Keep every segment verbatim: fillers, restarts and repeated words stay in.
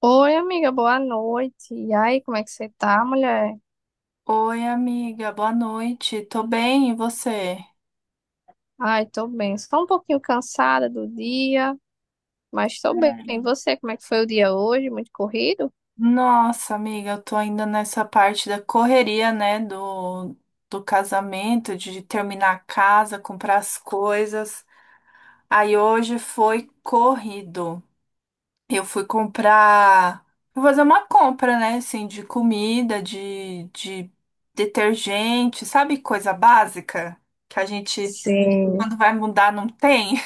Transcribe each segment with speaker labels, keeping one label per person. Speaker 1: Oi, amiga, boa noite. E aí, como é que você tá, mulher?
Speaker 2: Oi, amiga, boa noite. Tô bem, e você? É.
Speaker 1: Ai, tô bem. Só um pouquinho cansada do dia, mas tô bem. E você, como é que foi o dia hoje? Muito corrido?
Speaker 2: Nossa, amiga, eu tô ainda nessa parte da correria, né, do, do casamento, de terminar a casa, comprar as coisas. Aí hoje foi corrido. Eu fui comprar, fui fazer uma compra, né, assim, de comida, de, de detergente, sabe, coisa básica que a gente,
Speaker 1: Sim.
Speaker 2: quando vai mudar, não tem?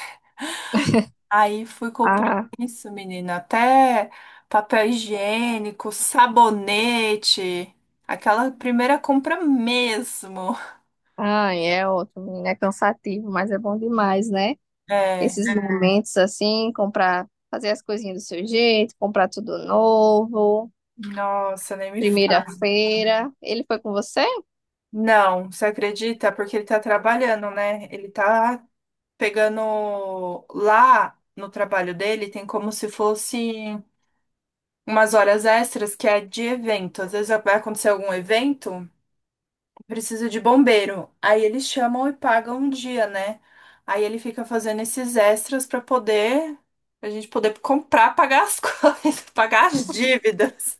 Speaker 2: Aí fui comprar
Speaker 1: Ah,
Speaker 2: isso, menina. Até papel higiênico, sabonete. Aquela primeira compra mesmo.
Speaker 1: ai, é outro, menina. É cansativo, mas é bom demais, né?
Speaker 2: É.
Speaker 1: Esses, É. momentos assim, comprar, fazer as coisinhas do seu jeito, comprar tudo novo,
Speaker 2: Nossa, nem me fala.
Speaker 1: primeira-feira. Ele foi com você?
Speaker 2: Não, você acredita? Porque ele tá trabalhando, né? Ele tá pegando lá no trabalho dele, tem como se fosse umas horas extras que é de evento. Às vezes vai acontecer algum evento. Preciso de bombeiro. Aí eles chamam e pagam um dia, né? Aí ele fica fazendo esses extras pra poder a gente poder comprar, pagar as coisas, pagar as dívidas.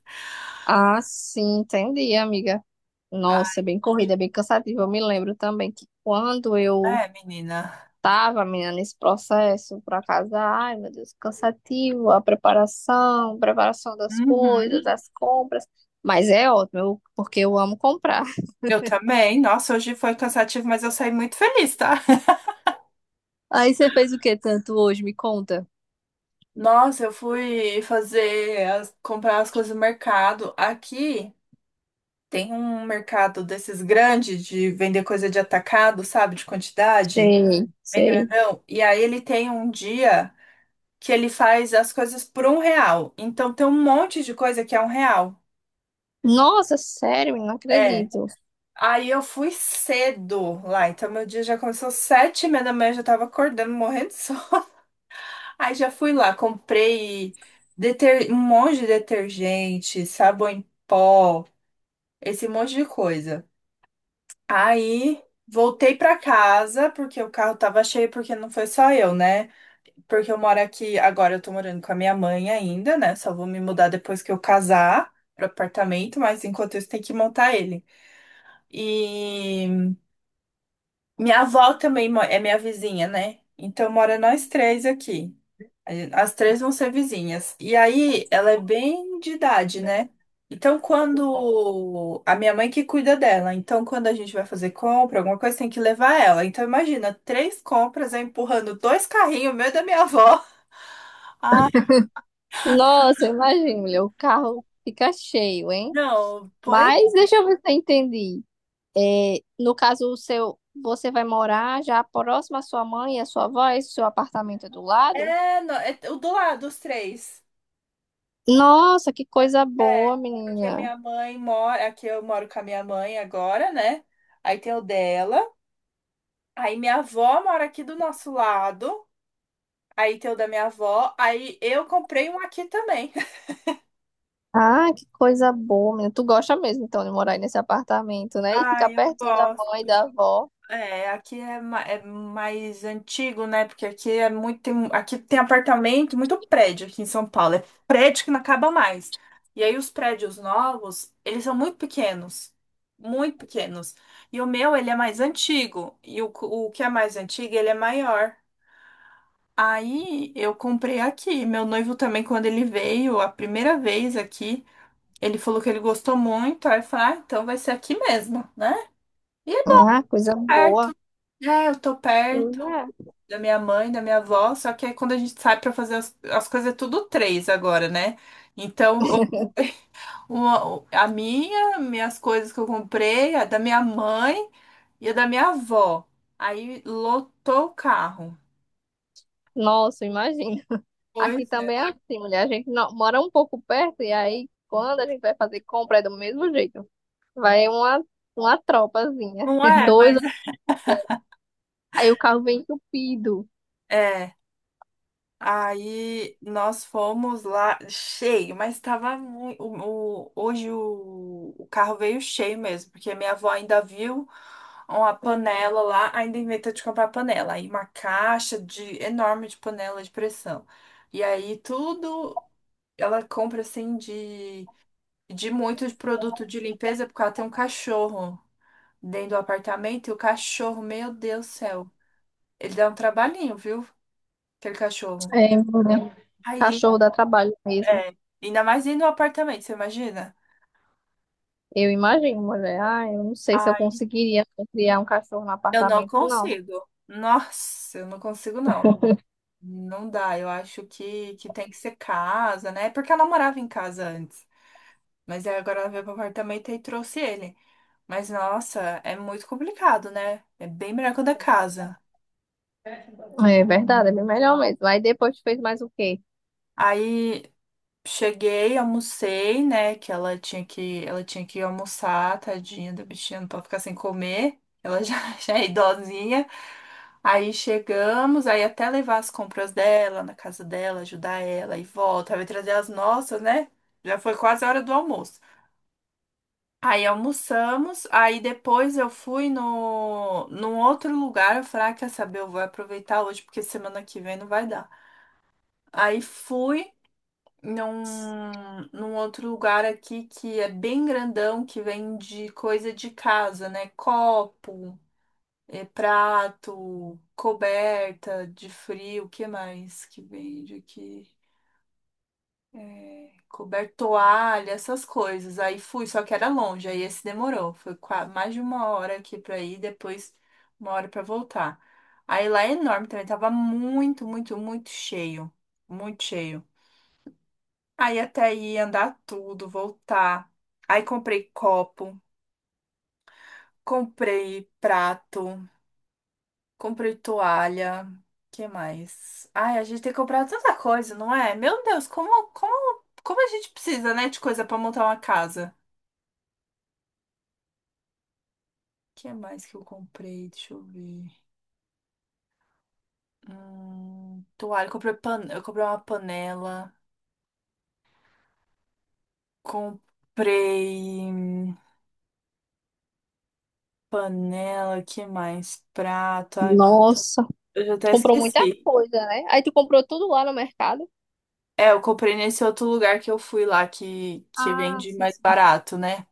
Speaker 1: Ah, sim, entendi, amiga. Nossa,
Speaker 2: Aí,
Speaker 1: é bem corrida, é bem cansativo. Eu me lembro também que quando eu
Speaker 2: é, menina.
Speaker 1: tava, menina, nesse processo para casar, ai, meu Deus, cansativo, a preparação, preparação das coisas,
Speaker 2: Uhum.
Speaker 1: das compras. Mas é ótimo, eu- porque eu amo comprar.
Speaker 2: Eu também. Nossa, hoje foi cansativo, mas eu saí muito feliz, tá?
Speaker 1: Aí você fez o que tanto hoje? Me conta.
Speaker 2: Nossa, eu fui fazer as- comprar as coisas no mercado. Aqui tem um mercado desses grandes de vender coisa de atacado, sabe, de quantidade,
Speaker 1: Sei,
Speaker 2: bem
Speaker 1: sei.
Speaker 2: grandão. E aí ele tem um dia que ele faz as coisas por um real. Então tem um monte de coisa que é um real.
Speaker 1: Nossa, sério, menina, não
Speaker 2: É.
Speaker 1: acredito.
Speaker 2: Aí eu fui cedo lá, então meu dia já começou às sete e meia da manhã, eu já tava acordando, morrendo de sono. Aí já fui lá, comprei deter- um monte de detergente, sabão em pó, esse monte de coisa. Aí voltei pra casa, porque o carro tava cheio, porque não foi só eu, né? Porque eu moro aqui, agora eu tô morando com a minha mãe ainda, né? Só vou me mudar depois que eu casar pro apartamento, mas enquanto isso tem que montar ele. E minha avó também mo- é minha vizinha, né? Então mora nós três aqui. A- gen- As três vão ser vizinhas. E aí ela é bem de idade, né? Então quando a minha mãe que cuida dela, então quando a gente vai fazer compra, alguma coisa tem que levar ela. Então imagina, três compras, eu empurrando dois carrinhos, o meu e da minha avó.
Speaker 1: Nossa, imagina, mulher, o carro fica cheio, hein?
Speaker 2: Não, pois.
Speaker 1: Mas deixa eu ver se eu entendi. É, no caso, o seu, você vai morar já próximo à sua mãe e à sua avó, esse seu apartamento é do lado?
Speaker 2: É, não, é o do lado, os três.
Speaker 1: Nossa, que coisa
Speaker 2: É,
Speaker 1: boa,
Speaker 2: porque
Speaker 1: menina.
Speaker 2: minha mãe mora. Aqui eu moro com a minha mãe agora, né? Aí tem o dela. Aí minha avó mora aqui do nosso lado. Aí tem o da minha avó. Aí eu comprei um aqui também.
Speaker 1: Ah, que coisa boa, menina. Tu gosta mesmo, então, de morar aí nesse apartamento, né? E
Speaker 2: Ah,
Speaker 1: ficar
Speaker 2: eu
Speaker 1: pertinho da mãe
Speaker 2: gosto.
Speaker 1: e da avó.
Speaker 2: É, aqui é, ma- é mais antigo, né? Porque aqui é muito, tem- aqui tem apartamento, muito prédio aqui em São Paulo. É prédio que não acaba mais. E aí os prédios novos, eles são muito pequenos, muito pequenos. E o meu, ele é mais antigo. E o, cu- o que é mais antigo, ele é maior. Aí eu comprei aqui. Meu noivo também, quando ele veio a primeira vez aqui, ele falou que ele gostou muito. Aí eu falei, ah, então vai ser aqui mesmo, né? E é
Speaker 1: Ah, coisa boa.
Speaker 2: perto. É, eu tô
Speaker 1: Pois
Speaker 2: perto
Speaker 1: é.
Speaker 2: da minha mãe, da minha avó, só que aí quando a gente sai pra fazer as, as coisas é tudo três agora, né? Então, o- uma- a minha, minhas coisas que eu comprei, a da minha mãe e a da minha avó. Aí lotou o carro.
Speaker 1: Nossa, imagina. Aqui
Speaker 2: Pois é.
Speaker 1: também é assim, mulher. A gente não- mora um pouco perto e aí, quando a gente vai fazer compra, é do mesmo jeito. Vai uma, uma tropazinha.
Speaker 2: Não é,
Speaker 1: Dois,
Speaker 2: mas
Speaker 1: aí o carro vem entupido.
Speaker 2: é. Aí nós fomos lá cheio, mas estava muito. O, o- hoje o, o carro veio cheio mesmo, porque minha avó ainda viu uma panela lá, ainda inventou de comprar panela. Aí uma caixa de enorme de panela de pressão. E aí tudo ela compra assim de, de muito de produto de limpeza, porque ela tem um cachorro dentro do apartamento, e o cachorro, meu Deus do céu, ele dá um trabalhinho, viu? Aquele cachorro.
Speaker 1: É, mulher.
Speaker 2: Aí.
Speaker 1: Cachorro dá trabalho mesmo.
Speaker 2: É, ainda mais indo no apartamento, você imagina?
Speaker 1: Eu imagino, mulher. Ah, eu não sei se eu
Speaker 2: Ai,
Speaker 1: conseguiria criar um cachorro no
Speaker 2: eu não
Speaker 1: apartamento, não.
Speaker 2: consigo. Nossa, eu não consigo, não. Não dá, eu acho que, que tem que ser casa, né? É. Porque ela morava em casa antes. Mas aí agora ela veio pro apartamento e trouxe ele. Mas nossa, é muito complicado, né? É bem melhor quando é casa.
Speaker 1: É verdade, é bem melhor mesmo. Aí depois tu fez mais o quê?
Speaker 2: Aí cheguei, almocei, né? Que ela tinha que, ela tinha que almoçar, tadinha da bichinha, não pode ficar sem comer. Ela já, já é idosinha. Aí chegamos, aí até levar as compras dela na casa dela, ajudar ela e volta, vai trazer as nossas, né? Já foi quase a hora do almoço. Aí almoçamos, aí depois eu fui no, num outro lugar. Eu falei, ah, quer saber? Eu vou aproveitar hoje porque semana que vem não vai dar. Aí fui num, num outro lugar aqui que é bem grandão, que vende coisa de casa, né? Copo, eh, prato, coberta de frio, o que mais que vende aqui? É, coberto, toalha, essas coisas. Aí fui, só que era longe, aí esse demorou. Foi qua- mais de uma hora aqui pra ir, depois uma hora pra voltar. Aí lá é enorme também, tava muito, muito, muito cheio. Muito cheio. Aí até ir andar tudo, voltar. Aí comprei copo, comprei prato, comprei toalha. Que mais? Ai, a gente tem que comprar tanta coisa, não é? Meu Deus, como, como, como a gente precisa, né, de coisa pra montar uma casa? Que mais que eu comprei? Deixa eu ver. Hum, toalha, comprei pan... eu comprei uma panela, comprei hum, panela, que mais? Prato. Ai, meu...
Speaker 1: Nossa,
Speaker 2: Eu já
Speaker 1: tu
Speaker 2: até
Speaker 1: comprou muita
Speaker 2: esqueci.
Speaker 1: coisa, né? Aí tu comprou tudo lá no mercado.
Speaker 2: É, eu comprei nesse outro lugar que eu fui lá, que, que
Speaker 1: Ah,
Speaker 2: vende
Speaker 1: sim,
Speaker 2: mais
Speaker 1: sim.
Speaker 2: barato, né?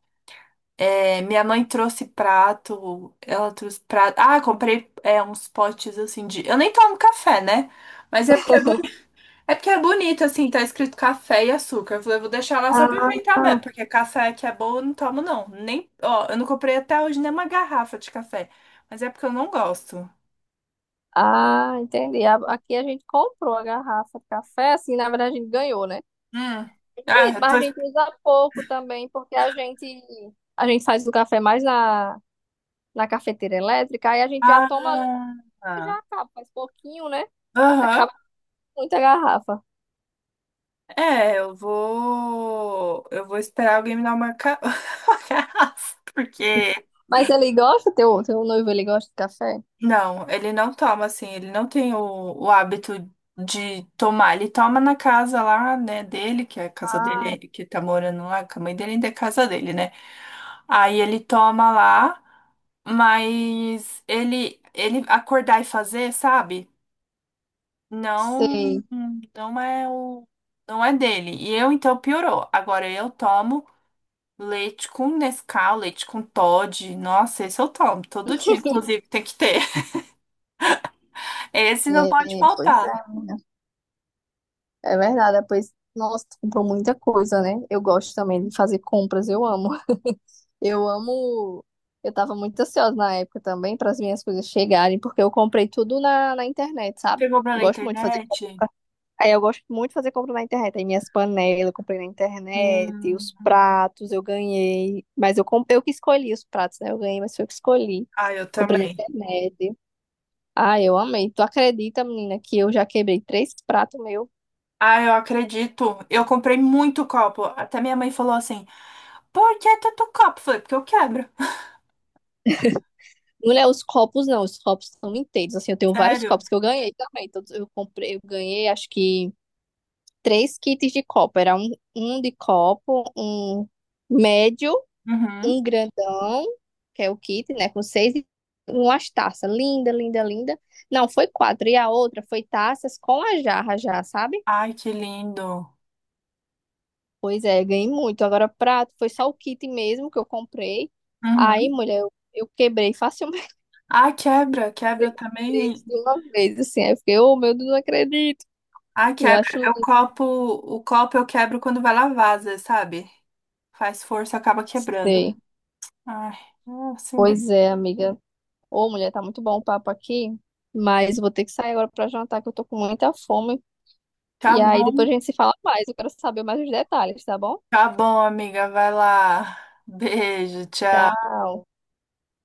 Speaker 2: É, minha mãe trouxe prato, ela trouxe prato. Ah, comprei é, uns potes assim de. Eu nem tomo café, né? Mas é porque é, porque é bonito, assim, tá escrito café e açúcar. Eu falei, eu vou deixar lá só pra
Speaker 1: Ah,
Speaker 2: enfeitar mesmo,
Speaker 1: tá.
Speaker 2: porque café que é bom eu não tomo, não. Nem, ó, eu não comprei até hoje nem uma garrafa de café. Mas é porque eu não gosto.
Speaker 1: Ah, entendi. A- Aqui a gente comprou a garrafa de café, assim, na verdade a gente ganhou, né?
Speaker 2: Hum. Ah,
Speaker 1: Bonito,
Speaker 2: eu
Speaker 1: mas
Speaker 2: tô.
Speaker 1: a gente usa pouco também, porque a gente a gente faz o café mais na na cafeteira elétrica, aí a gente já toma ali e
Speaker 2: Ah.
Speaker 1: já acaba, faz pouquinho, né?
Speaker 2: Aham.
Speaker 1: Acaba com muita garrafa.
Speaker 2: É, eu vou. Eu vou esperar alguém me dar uma ca- uma carraça, porque.
Speaker 1: Mas ele gosta, teu, teu noivo, ele gosta de café?
Speaker 2: Não, ele não toma assim, ele não tem o, o hábito de tomar. Ele toma na casa lá, né, dele, que é a casa dele, é-
Speaker 1: Ah,
Speaker 2: que tá morando lá, que a mãe dele ainda é casa dele, né? Aí ele toma lá, mas ele, ele acordar e fazer, sabe? Não,
Speaker 1: sei.
Speaker 2: não é o. Não é dele. E eu, então, piorou. Agora eu tomo. Leite com Nescau, leite com Toddy. Nossa, esse eu tomo todo dia, inclusive, tem que ter. Esse não pode
Speaker 1: É, pois é,
Speaker 2: faltar.
Speaker 1: é verdade. É, Pois, nossa, tu comprou muita coisa, né? Eu gosto também de fazer compras, eu amo. Eu amo. Eu tava muito ansiosa na época também para as minhas coisas chegarem, porque eu comprei tudo na, na internet, sabe?
Speaker 2: Você compra na
Speaker 1: Gosto muito de fazer
Speaker 2: internet?
Speaker 1: Aí eu gosto muito de fazer compra na internet. Aí minhas panelas eu comprei na internet,
Speaker 2: Hum.
Speaker 1: os pratos eu ganhei. Mas eu, comp... eu que escolhi os pratos, né? Eu ganhei, mas foi eu que escolhi.
Speaker 2: Ah, eu
Speaker 1: Comprei na
Speaker 2: também.
Speaker 1: internet. Ah, eu amei. Tu acredita, menina, que eu já quebrei três pratos meu?
Speaker 2: Ah, eu acredito. Eu comprei muito copo. Até minha mãe falou assim: por que tanto copo? Eu Falei, porque eu quebro.
Speaker 1: Não é os copos, não. Os copos são inteiros. Assim, eu tenho vários
Speaker 2: Sério?
Speaker 1: copos que eu ganhei também. Todos eu comprei, eu ganhei, acho que três kits de copo. Era um, um de copo, um médio,
Speaker 2: Uhum.
Speaker 1: um grandão, que é o kit, né? Com seis e umas taças. Linda, linda, linda. Não, foi quatro. E a outra foi taças com a jarra já, sabe?
Speaker 2: Ai, que lindo.
Speaker 1: Pois é, ganhei muito. Agora, prato, foi só o kit mesmo que eu comprei. Aí,
Speaker 2: Uhum.
Speaker 1: mulher, eu, eu quebrei facilmente
Speaker 2: Ah, quebra, quebra eu
Speaker 1: três
Speaker 2: também.
Speaker 1: de uma vez, assim. Aí eu fiquei, oh meu Deus, não acredito.
Speaker 2: Ah,
Speaker 1: E eu acho
Speaker 2: quebra. Eu
Speaker 1: lindo.
Speaker 2: copo, o copo eu quebro quando vai lavar, às vezes, sabe? Faz força, acaba quebrando.
Speaker 1: Sei.
Speaker 2: Ai, é assim mesmo.
Speaker 1: Pois é, amiga. Ô, mulher, tá muito bom o papo aqui. Mas vou ter que sair agora pra jantar, que eu tô com muita fome.
Speaker 2: Tá
Speaker 1: E aí depois
Speaker 2: bom,
Speaker 1: a gente se fala mais. Eu quero saber mais os detalhes, tá bom?
Speaker 2: tá bom, amiga. Vai lá. Beijo, tchau.
Speaker 1: Tchau.